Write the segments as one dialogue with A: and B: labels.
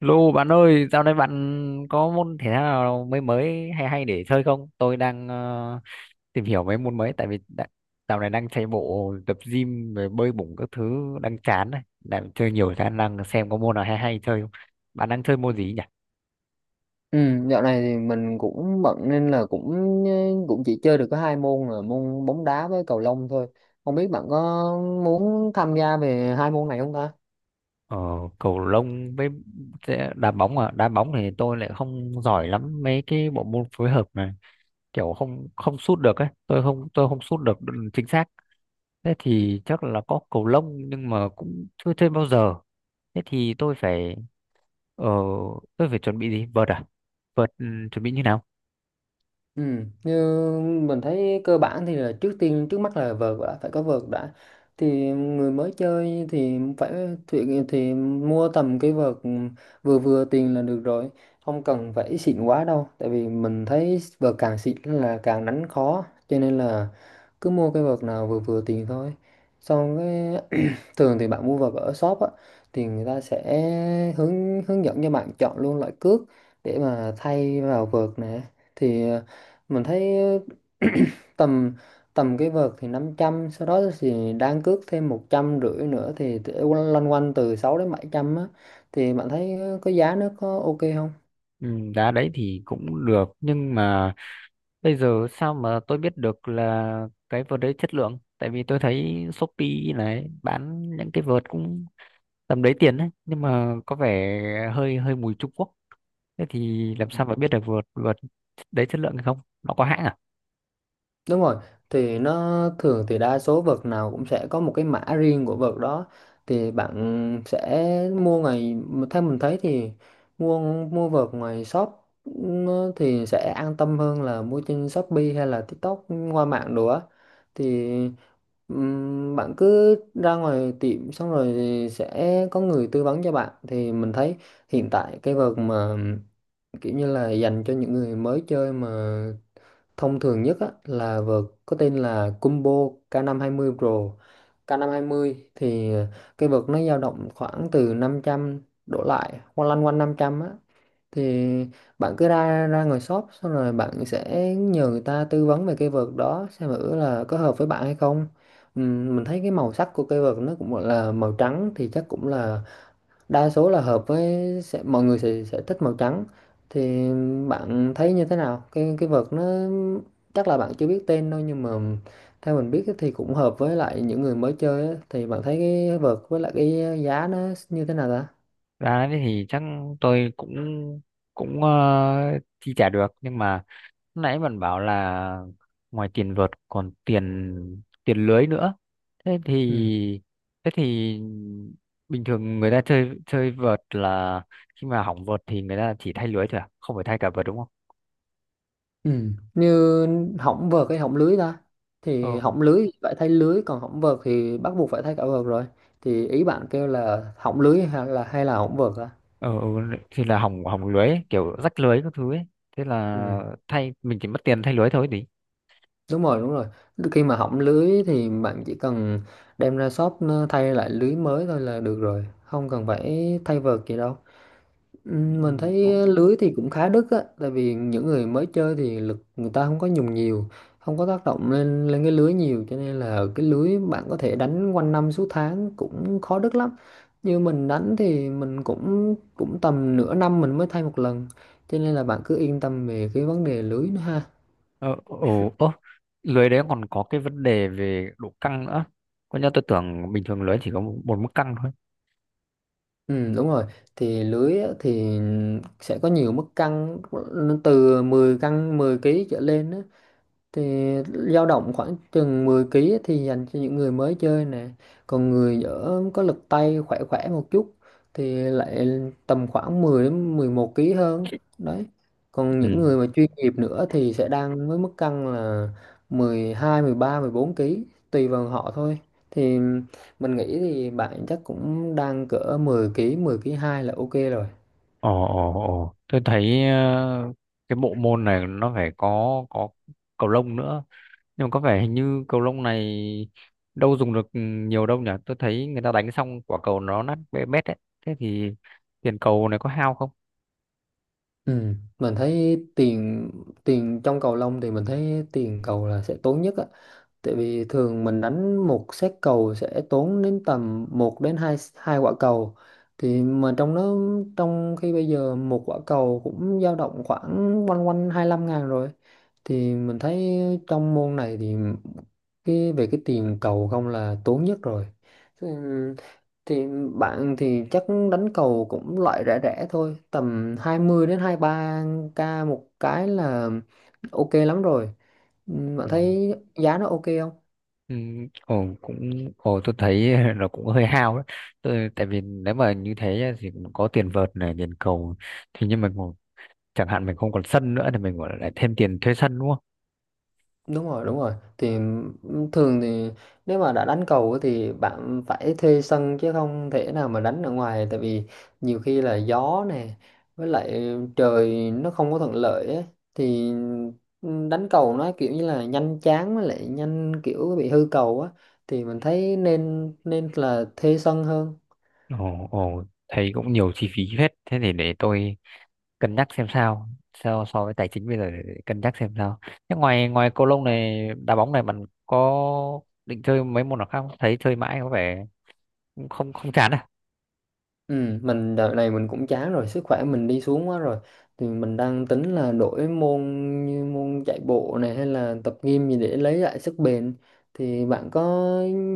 A: Lô bạn ơi, dạo này bạn có môn thể thao nào mới mới hay hay để chơi không? Tôi đang tìm hiểu mấy môn mới tại vì đã, dạo này đang chạy bộ, tập gym rồi bơi bổng các thứ đang chán này, đang chơi nhiều khả năng xem có môn nào hay hay chơi không. Bạn đang chơi môn gì nhỉ?
B: Ừ, dạo này thì mình cũng bận nên là cũng chỉ chơi được có hai môn là môn bóng đá với cầu lông thôi. Không biết bạn có muốn tham gia về hai môn này không ta?
A: Ờ, cầu lông với đá bóng à? Đá bóng thì tôi lại không giỏi lắm mấy cái bộ môn phối hợp này, kiểu không không sút được ấy, tôi không sút được chính xác. Thế thì chắc là có cầu lông nhưng mà cũng chưa chơi bao giờ. Thế thì ờ, tôi phải chuẩn bị gì? Vợt à? Vợt chuẩn bị như nào?
B: Ừ, như mình thấy cơ bản thì là trước tiên trước mắt là vợt, đã phải có vợt đã. Thì người mới chơi thì phải thì mua tầm cái vợt vừa vừa tiền là được rồi, không cần phải xịn quá đâu. Tại vì mình thấy vợt càng xịn là càng đánh khó, cho nên là cứ mua cái vợt nào vừa vừa tiền thôi. Xong cái thường thì bạn mua vào ở shop á, thì người ta sẽ hướng hướng dẫn cho bạn chọn luôn loại cước để mà thay vào vợt nè. Thì mình thấy ờ, tầm tầm cái vợt thì năm trăm, sau đó thì đang cước thêm 150 nữa, thì để loanh quanh từ 6 đến 700 á. Thì bạn thấy có giá, nó có ok không?
A: Ừ, đá đấy thì cũng được nhưng mà bây giờ sao mà tôi biết được là cái vợt đấy chất lượng? Tại vì tôi thấy Shopee này bán những cái vợt cũng tầm đấy tiền đấy nhưng mà có vẻ hơi hơi mùi Trung Quốc. Thế thì làm sao mà biết được vợt vợt đấy chất lượng hay không? Nó có hãng à?
B: Đúng rồi, thì nó thường thì đa số vợt nào cũng sẽ có một cái mã riêng của vợt đó. Thì bạn sẽ mua ngoài, theo mình thấy thì mua mua vợt ngoài shop nó thì sẽ an tâm hơn là mua trên Shopee hay là TikTok qua mạng đồ á. Thì bạn cứ ra ngoài tiệm xong rồi thì sẽ có người tư vấn cho bạn. Thì mình thấy hiện tại cái vợt mà kiểu như là dành cho những người mới chơi mà thông thường nhất á, là vợt có tên là Combo k mươi Pro. K mươi thì cái vợt nó dao động khoảng từ 500 đổ lại, hoặc lăn quanh 500 á. Thì bạn cứ ra ra ngoài shop xong rồi bạn sẽ nhờ người ta tư vấn về cái vợt đó xem thử là có hợp với bạn hay không. Mình thấy cái màu sắc của cây vợt nó cũng gọi là màu trắng, thì chắc cũng là đa số là hợp với, mọi người sẽ thích màu trắng. Thì bạn thấy như thế nào cái vợt nó, chắc là bạn chưa biết tên đâu, nhưng mà theo mình biết thì cũng hợp với lại những người mới chơi á. Thì bạn thấy cái vợt với lại cái giá nó như thế nào ta?
A: Ra thế thì chắc tôi cũng cũng chi trả được nhưng mà nãy bạn bảo là ngoài tiền vợt còn tiền tiền lưới nữa, thế
B: Ừ.
A: thì thế thì bình thường người ta chơi chơi vợt là khi mà hỏng vợt thì người ta chỉ thay lưới thôi à, không phải thay cả vợt đúng không?
B: Ừ, như hỏng vợt hay hỏng lưới ta? Thì
A: Ừ
B: hỏng lưới thì phải thay lưới, còn hỏng vợt thì bắt buộc phải thay cả vợt rồi. Thì ý bạn kêu là hỏng lưới hay là hỏng vợt á?
A: ừ, ừ thì là hỏng hỏng lưới ấy, kiểu rách lưới các thứ ấy, thế
B: Ừ.
A: là thay mình chỉ mất tiền thay lưới thôi thì.
B: Đúng rồi, đúng rồi. Khi mà hỏng lưới thì bạn chỉ cần đem ra shop, nó thay lại lưới mới thôi là được rồi. Không cần phải thay vợt gì đâu. Mình
A: Ừ,
B: thấy lưới thì cũng khá đứt á. Tại vì những người mới chơi thì lực người ta không có dùng nhiều. Không có tác động lên lên cái lưới nhiều. Cho nên là cái lưới bạn có thể đánh quanh năm suốt tháng cũng khó đứt lắm. Như mình đánh thì mình cũng cũng tầm nửa năm mình mới thay một lần. Cho nên là bạn cứ yên tâm về cái vấn đề lưới nữa ha.
A: ừ, ừ, ừ. Lưới đấy còn có cái vấn đề về độ căng nữa, có nhớ tôi tưởng bình thường lưới chỉ có một mức căng thôi.
B: Ừ, đúng rồi. Thì lưới á, thì sẽ có nhiều mức cân, nó từ 10 cân 10 ký trở lên á, thì dao động khoảng chừng 10 kg ấy thì dành cho những người mới chơi nè. Còn người ở có lực tay khỏe khỏe một chút thì lại tầm khoảng 10 đến 11 kg hơn đấy. Còn
A: Ừ.
B: những người mà chuyên nghiệp nữa thì sẽ đang với mức cân là 12, 13, 14 kg, tùy vào họ thôi. Thì mình nghĩ thì bạn chắc cũng đang cỡ 10 kg, 10 kg 2 là ok rồi.
A: Ồ, ồ, ồ. Tôi thấy cái bộ môn này nó phải có cầu lông nữa. Nhưng mà có vẻ hình như cầu lông này đâu dùng được nhiều đâu nhỉ? Tôi thấy người ta đánh xong quả cầu nó nát bét bét đấy. Thế thì tiền cầu này có hao không?
B: Ừ, mình thấy tiền tiền trong cầu lông thì mình thấy tiền cầu là sẽ tốn nhất á. Tại vì thường mình đánh một set cầu sẽ tốn đến tầm một đến 2 hai quả cầu. Thì mà trong đó, trong khi bây giờ một quả cầu cũng dao động khoảng quanh quanh 25.000 rồi. Thì mình thấy trong môn này thì cái về cái tiền cầu không là tốn nhất rồi. Ừ, thì bạn thì chắc đánh cầu cũng loại rẻ rẻ thôi, tầm 20 đến 23 k một cái là ok lắm rồi. Ừ, bạn
A: Ừ.
B: thấy giá nó ok không?
A: Ừ, ồ, cũng ồ tôi thấy nó cũng hơi hao đấy. Tôi tại vì nếu mà như thế á, thì cũng có tiền vợt này, tiền cầu thì nhưng mà chẳng hạn mình không còn sân nữa thì mình gọi là lại thêm tiền thuê sân đúng không?
B: Đúng rồi, đúng rồi. Thì thường thì nếu mà đã đánh cầu á thì bạn phải thuê sân, chứ không thể nào mà đánh ở ngoài. Tại vì nhiều khi là gió nè, với lại trời nó không có thuận lợi á, thì đánh cầu nó kiểu như là nhanh chán với lại nhanh kiểu bị hư cầu á. Thì mình thấy nên nên là thuê sân hơn.
A: Ồ, ồ, thấy cũng nhiều chi phí phết. Thế thì để tôi cân nhắc xem sao. So với tài chính bây giờ để cân nhắc xem sao. Thế ngoài ngoài cầu lông này, đá bóng này bạn có định chơi mấy môn nào khác không? Thấy chơi mãi có vẻ cũng không không chán à.
B: Ừ, mình đợt này mình cũng chán rồi, sức khỏe mình đi xuống quá rồi. Thì mình đang tính là đổi môn, như môn chạy bộ này hay là tập gym gì để lấy lại sức bền. Thì bạn có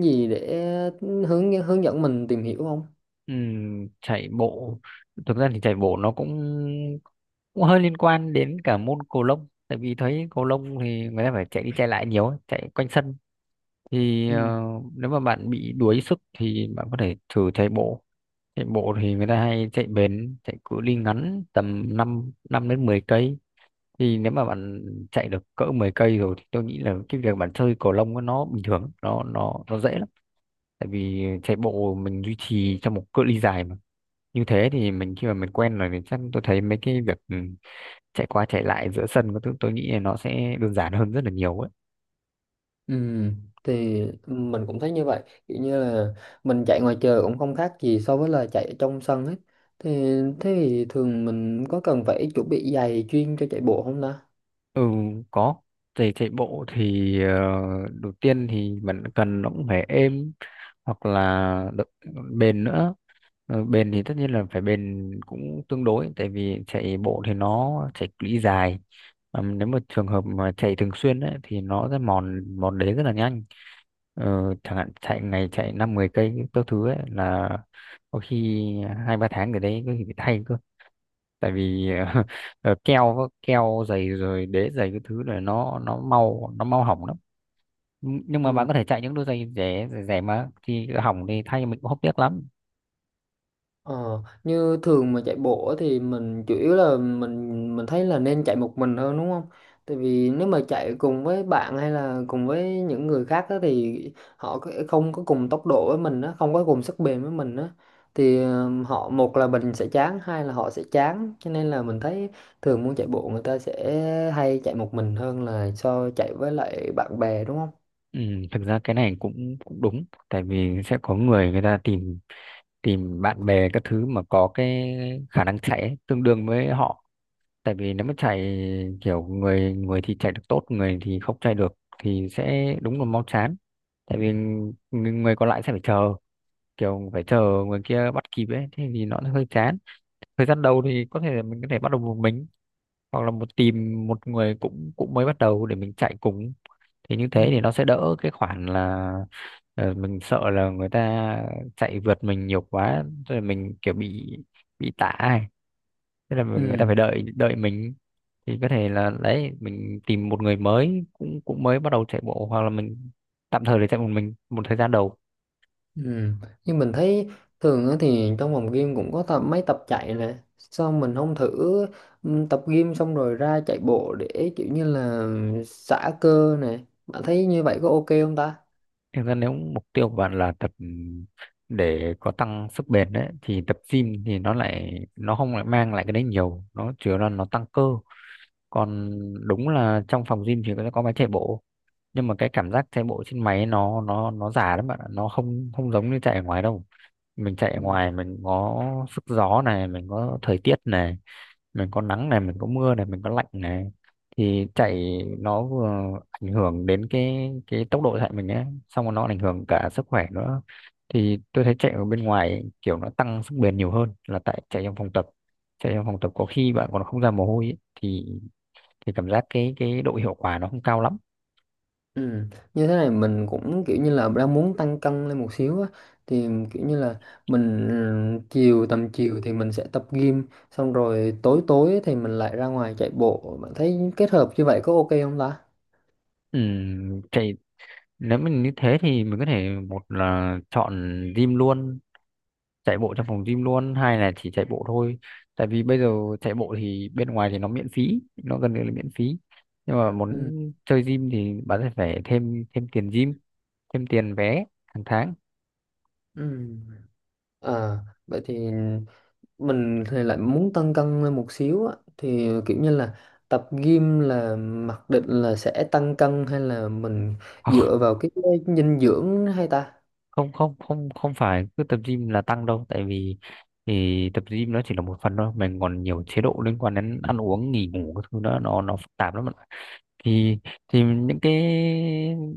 B: gì để hướng hướng dẫn mình tìm hiểu không?
A: Chạy bộ. Thực ra thì chạy bộ nó cũng cũng hơi liên quan đến cả môn cầu lông. Tại vì thấy cầu lông thì người ta phải chạy đi chạy lại nhiều, ấy, chạy quanh sân. Thì
B: Ừ.
A: nếu mà bạn bị đuối sức thì bạn có thể thử chạy bộ. Chạy bộ thì người ta hay chạy bền chạy cự ly ngắn tầm 5 năm đến 10 cây, thì nếu mà bạn chạy được cỡ 10 cây rồi thì tôi nghĩ là cái việc bạn chơi cầu lông nó bình thường nó dễ lắm, tại vì chạy bộ mình duy trì trong một cự ly dài mà, như thế thì mình khi mà mình quen rồi thì chắc tôi thấy mấy cái việc chạy qua chạy lại giữa sân có thứ tôi nghĩ là nó sẽ đơn giản hơn rất là nhiều ấy.
B: Ừ, thì mình cũng thấy như vậy. Kiểu như là mình chạy ngoài trời cũng không khác gì so với là chạy ở trong sân ấy. Thì thế thì thường mình có cần phải chuẩn bị giày chuyên cho chạy bộ không ta?
A: Ừ, có. Chạy chạy bộ thì đầu tiên thì bạn cần nó cũng phải êm hoặc là bền nữa. Ờ, bền thì tất nhiên là phải bền cũng tương đối tại vì chạy bộ thì nó chạy cự ly dài. Ờ, nếu mà trường hợp mà chạy thường xuyên ấy, thì nó sẽ mòn mòn đế rất là nhanh. Ờ, chẳng hạn chạy ngày chạy năm mười cây các thứ ấy là có khi hai ba tháng rồi đấy có khi phải thay cơ, tại vì keo keo dày rồi đế dày cái thứ này nó mau hỏng lắm, nhưng mà
B: Ừ.
A: bạn có thể chạy những đôi giày rẻ rẻ, rẻ mà thì hỏng thì thay mình cũng hốc tiếc lắm.
B: Ờ, như thường mà chạy bộ á thì mình chủ yếu là mình thấy là nên chạy một mình hơn đúng không? Tại vì nếu mà chạy cùng với bạn hay là cùng với những người khác á thì họ có- không có cùng tốc độ với mình á, không có cùng sức bền với mình á, thì họ, một là mình sẽ chán, hai là họ sẽ chán. Cho nên là mình thấy thường muốn chạy bộ người ta sẽ hay chạy một mình hơn là so chạy với lại bạn bè đúng không?
A: Ừ, thực ra cái này cũng cũng đúng tại vì sẽ có người người ta tìm tìm bạn bè các thứ mà có cái khả năng chạy ấy, tương đương với họ, tại vì nếu mà chạy kiểu người người thì chạy được tốt người thì không chạy được thì sẽ đúng là mau chán, tại vì người người còn lại sẽ phải chờ, kiểu phải chờ người kia bắt kịp ấy thế thì nó hơi chán. Thời gian đầu thì có thể là mình có thể bắt đầu một mình hoặc là tìm một người cũng cũng mới bắt đầu để mình chạy cùng, thì như
B: Ừ.
A: thế thì nó sẽ đỡ cái khoản là mình sợ là người ta chạy vượt mình nhiều quá rồi mình kiểu bị tả ấy. Thế là người ta
B: Ừ.
A: phải đợi đợi mình, thì có thể là đấy mình tìm một người mới cũng cũng mới bắt đầu chạy bộ hoặc là mình tạm thời để chạy một mình một thời gian đầu.
B: Ừ. Nhưng mình thấy thường á thì trong phòng gym cũng có tập mấy tập chạy nè, sao mình không thử tập gym xong rồi ra chạy bộ để kiểu như là xả cơ nè. Bạn thấy như vậy có ok không ta?
A: Thực ra nếu mục tiêu của bạn là tập để có tăng sức bền đấy thì tập gym thì nó lại nó không lại mang lại cái đấy nhiều, nó chủ yếu là nó tăng cơ, còn đúng là trong phòng gym thì nó có máy chạy bộ nhưng mà cái cảm giác chạy bộ trên máy nó giả lắm bạn ạ, nó không không giống như chạy ở ngoài đâu. Mình chạy ở
B: Ừ.
A: ngoài mình có sức gió này, mình có thời tiết này, mình có nắng này, mình có mưa này, mình có lạnh này, thì chạy nó vừa ảnh hưởng đến cái tốc độ chạy mình ấy xong rồi nó ảnh hưởng cả sức khỏe nữa, thì tôi thấy chạy ở bên ngoài kiểu nó tăng sức bền nhiều hơn là tại chạy trong phòng tập. Chạy trong phòng tập có khi bạn còn không ra mồ hôi ấy, thì cảm giác cái độ hiệu quả nó không cao lắm.
B: Ừ. Như thế này mình cũng kiểu như là đang muốn tăng cân lên một xíu á, thì kiểu như là mình chiều tầm chiều thì mình sẽ tập gym xong rồi tối tối thì mình lại ra ngoài chạy bộ. Bạn thấy kết hợp như vậy có ok không ta?
A: Chạy nếu mình như thế thì mình có thể một là chọn gym luôn, chạy bộ trong phòng gym luôn hay là chỉ chạy bộ thôi, tại vì bây giờ chạy bộ thì bên ngoài thì nó miễn phí, nó gần như là miễn phí, nhưng mà muốn
B: Ừ.
A: chơi gym thì bạn sẽ phải thêm thêm tiền gym, thêm tiền vé hàng tháng.
B: Ừ. À, vậy thì mình thì lại muốn tăng cân lên một xíu á, thì kiểu như là tập gym là mặc định là sẽ tăng cân hay là mình dựa vào cái dinh dưỡng hay ta?
A: Không, không, không, không phải cứ tập gym là tăng đâu, tại vì thì tập gym nó chỉ là một phần thôi, mình còn nhiều chế độ liên quan đến ăn uống nghỉ ngủ, cái thứ đó nó phức tạp lắm bạn ạ. thì thì những cái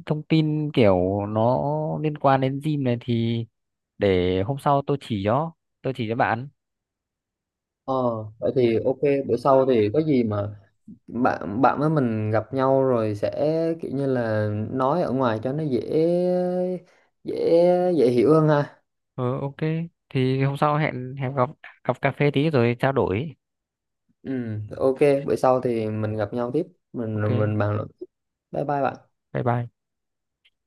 A: thông tin kiểu nó liên quan đến gym này thì để hôm sau tôi chỉ cho bạn.
B: Ờ, vậy thì ok. Bữa sau thì có gì mà bạn bạn với mình gặp nhau rồi sẽ kiểu như là nói ở ngoài cho nó dễ, dễ dễ hiểu hơn ha.
A: Ừ, ok, thì hôm sau hẹn hẹn gặp gặp cà phê tí rồi trao đổi.
B: Ừ, ok, bữa sau thì mình gặp nhau tiếp, mình
A: Ok,
B: mình bàn luận tiếp. Bye bye bạn.
A: bye bye.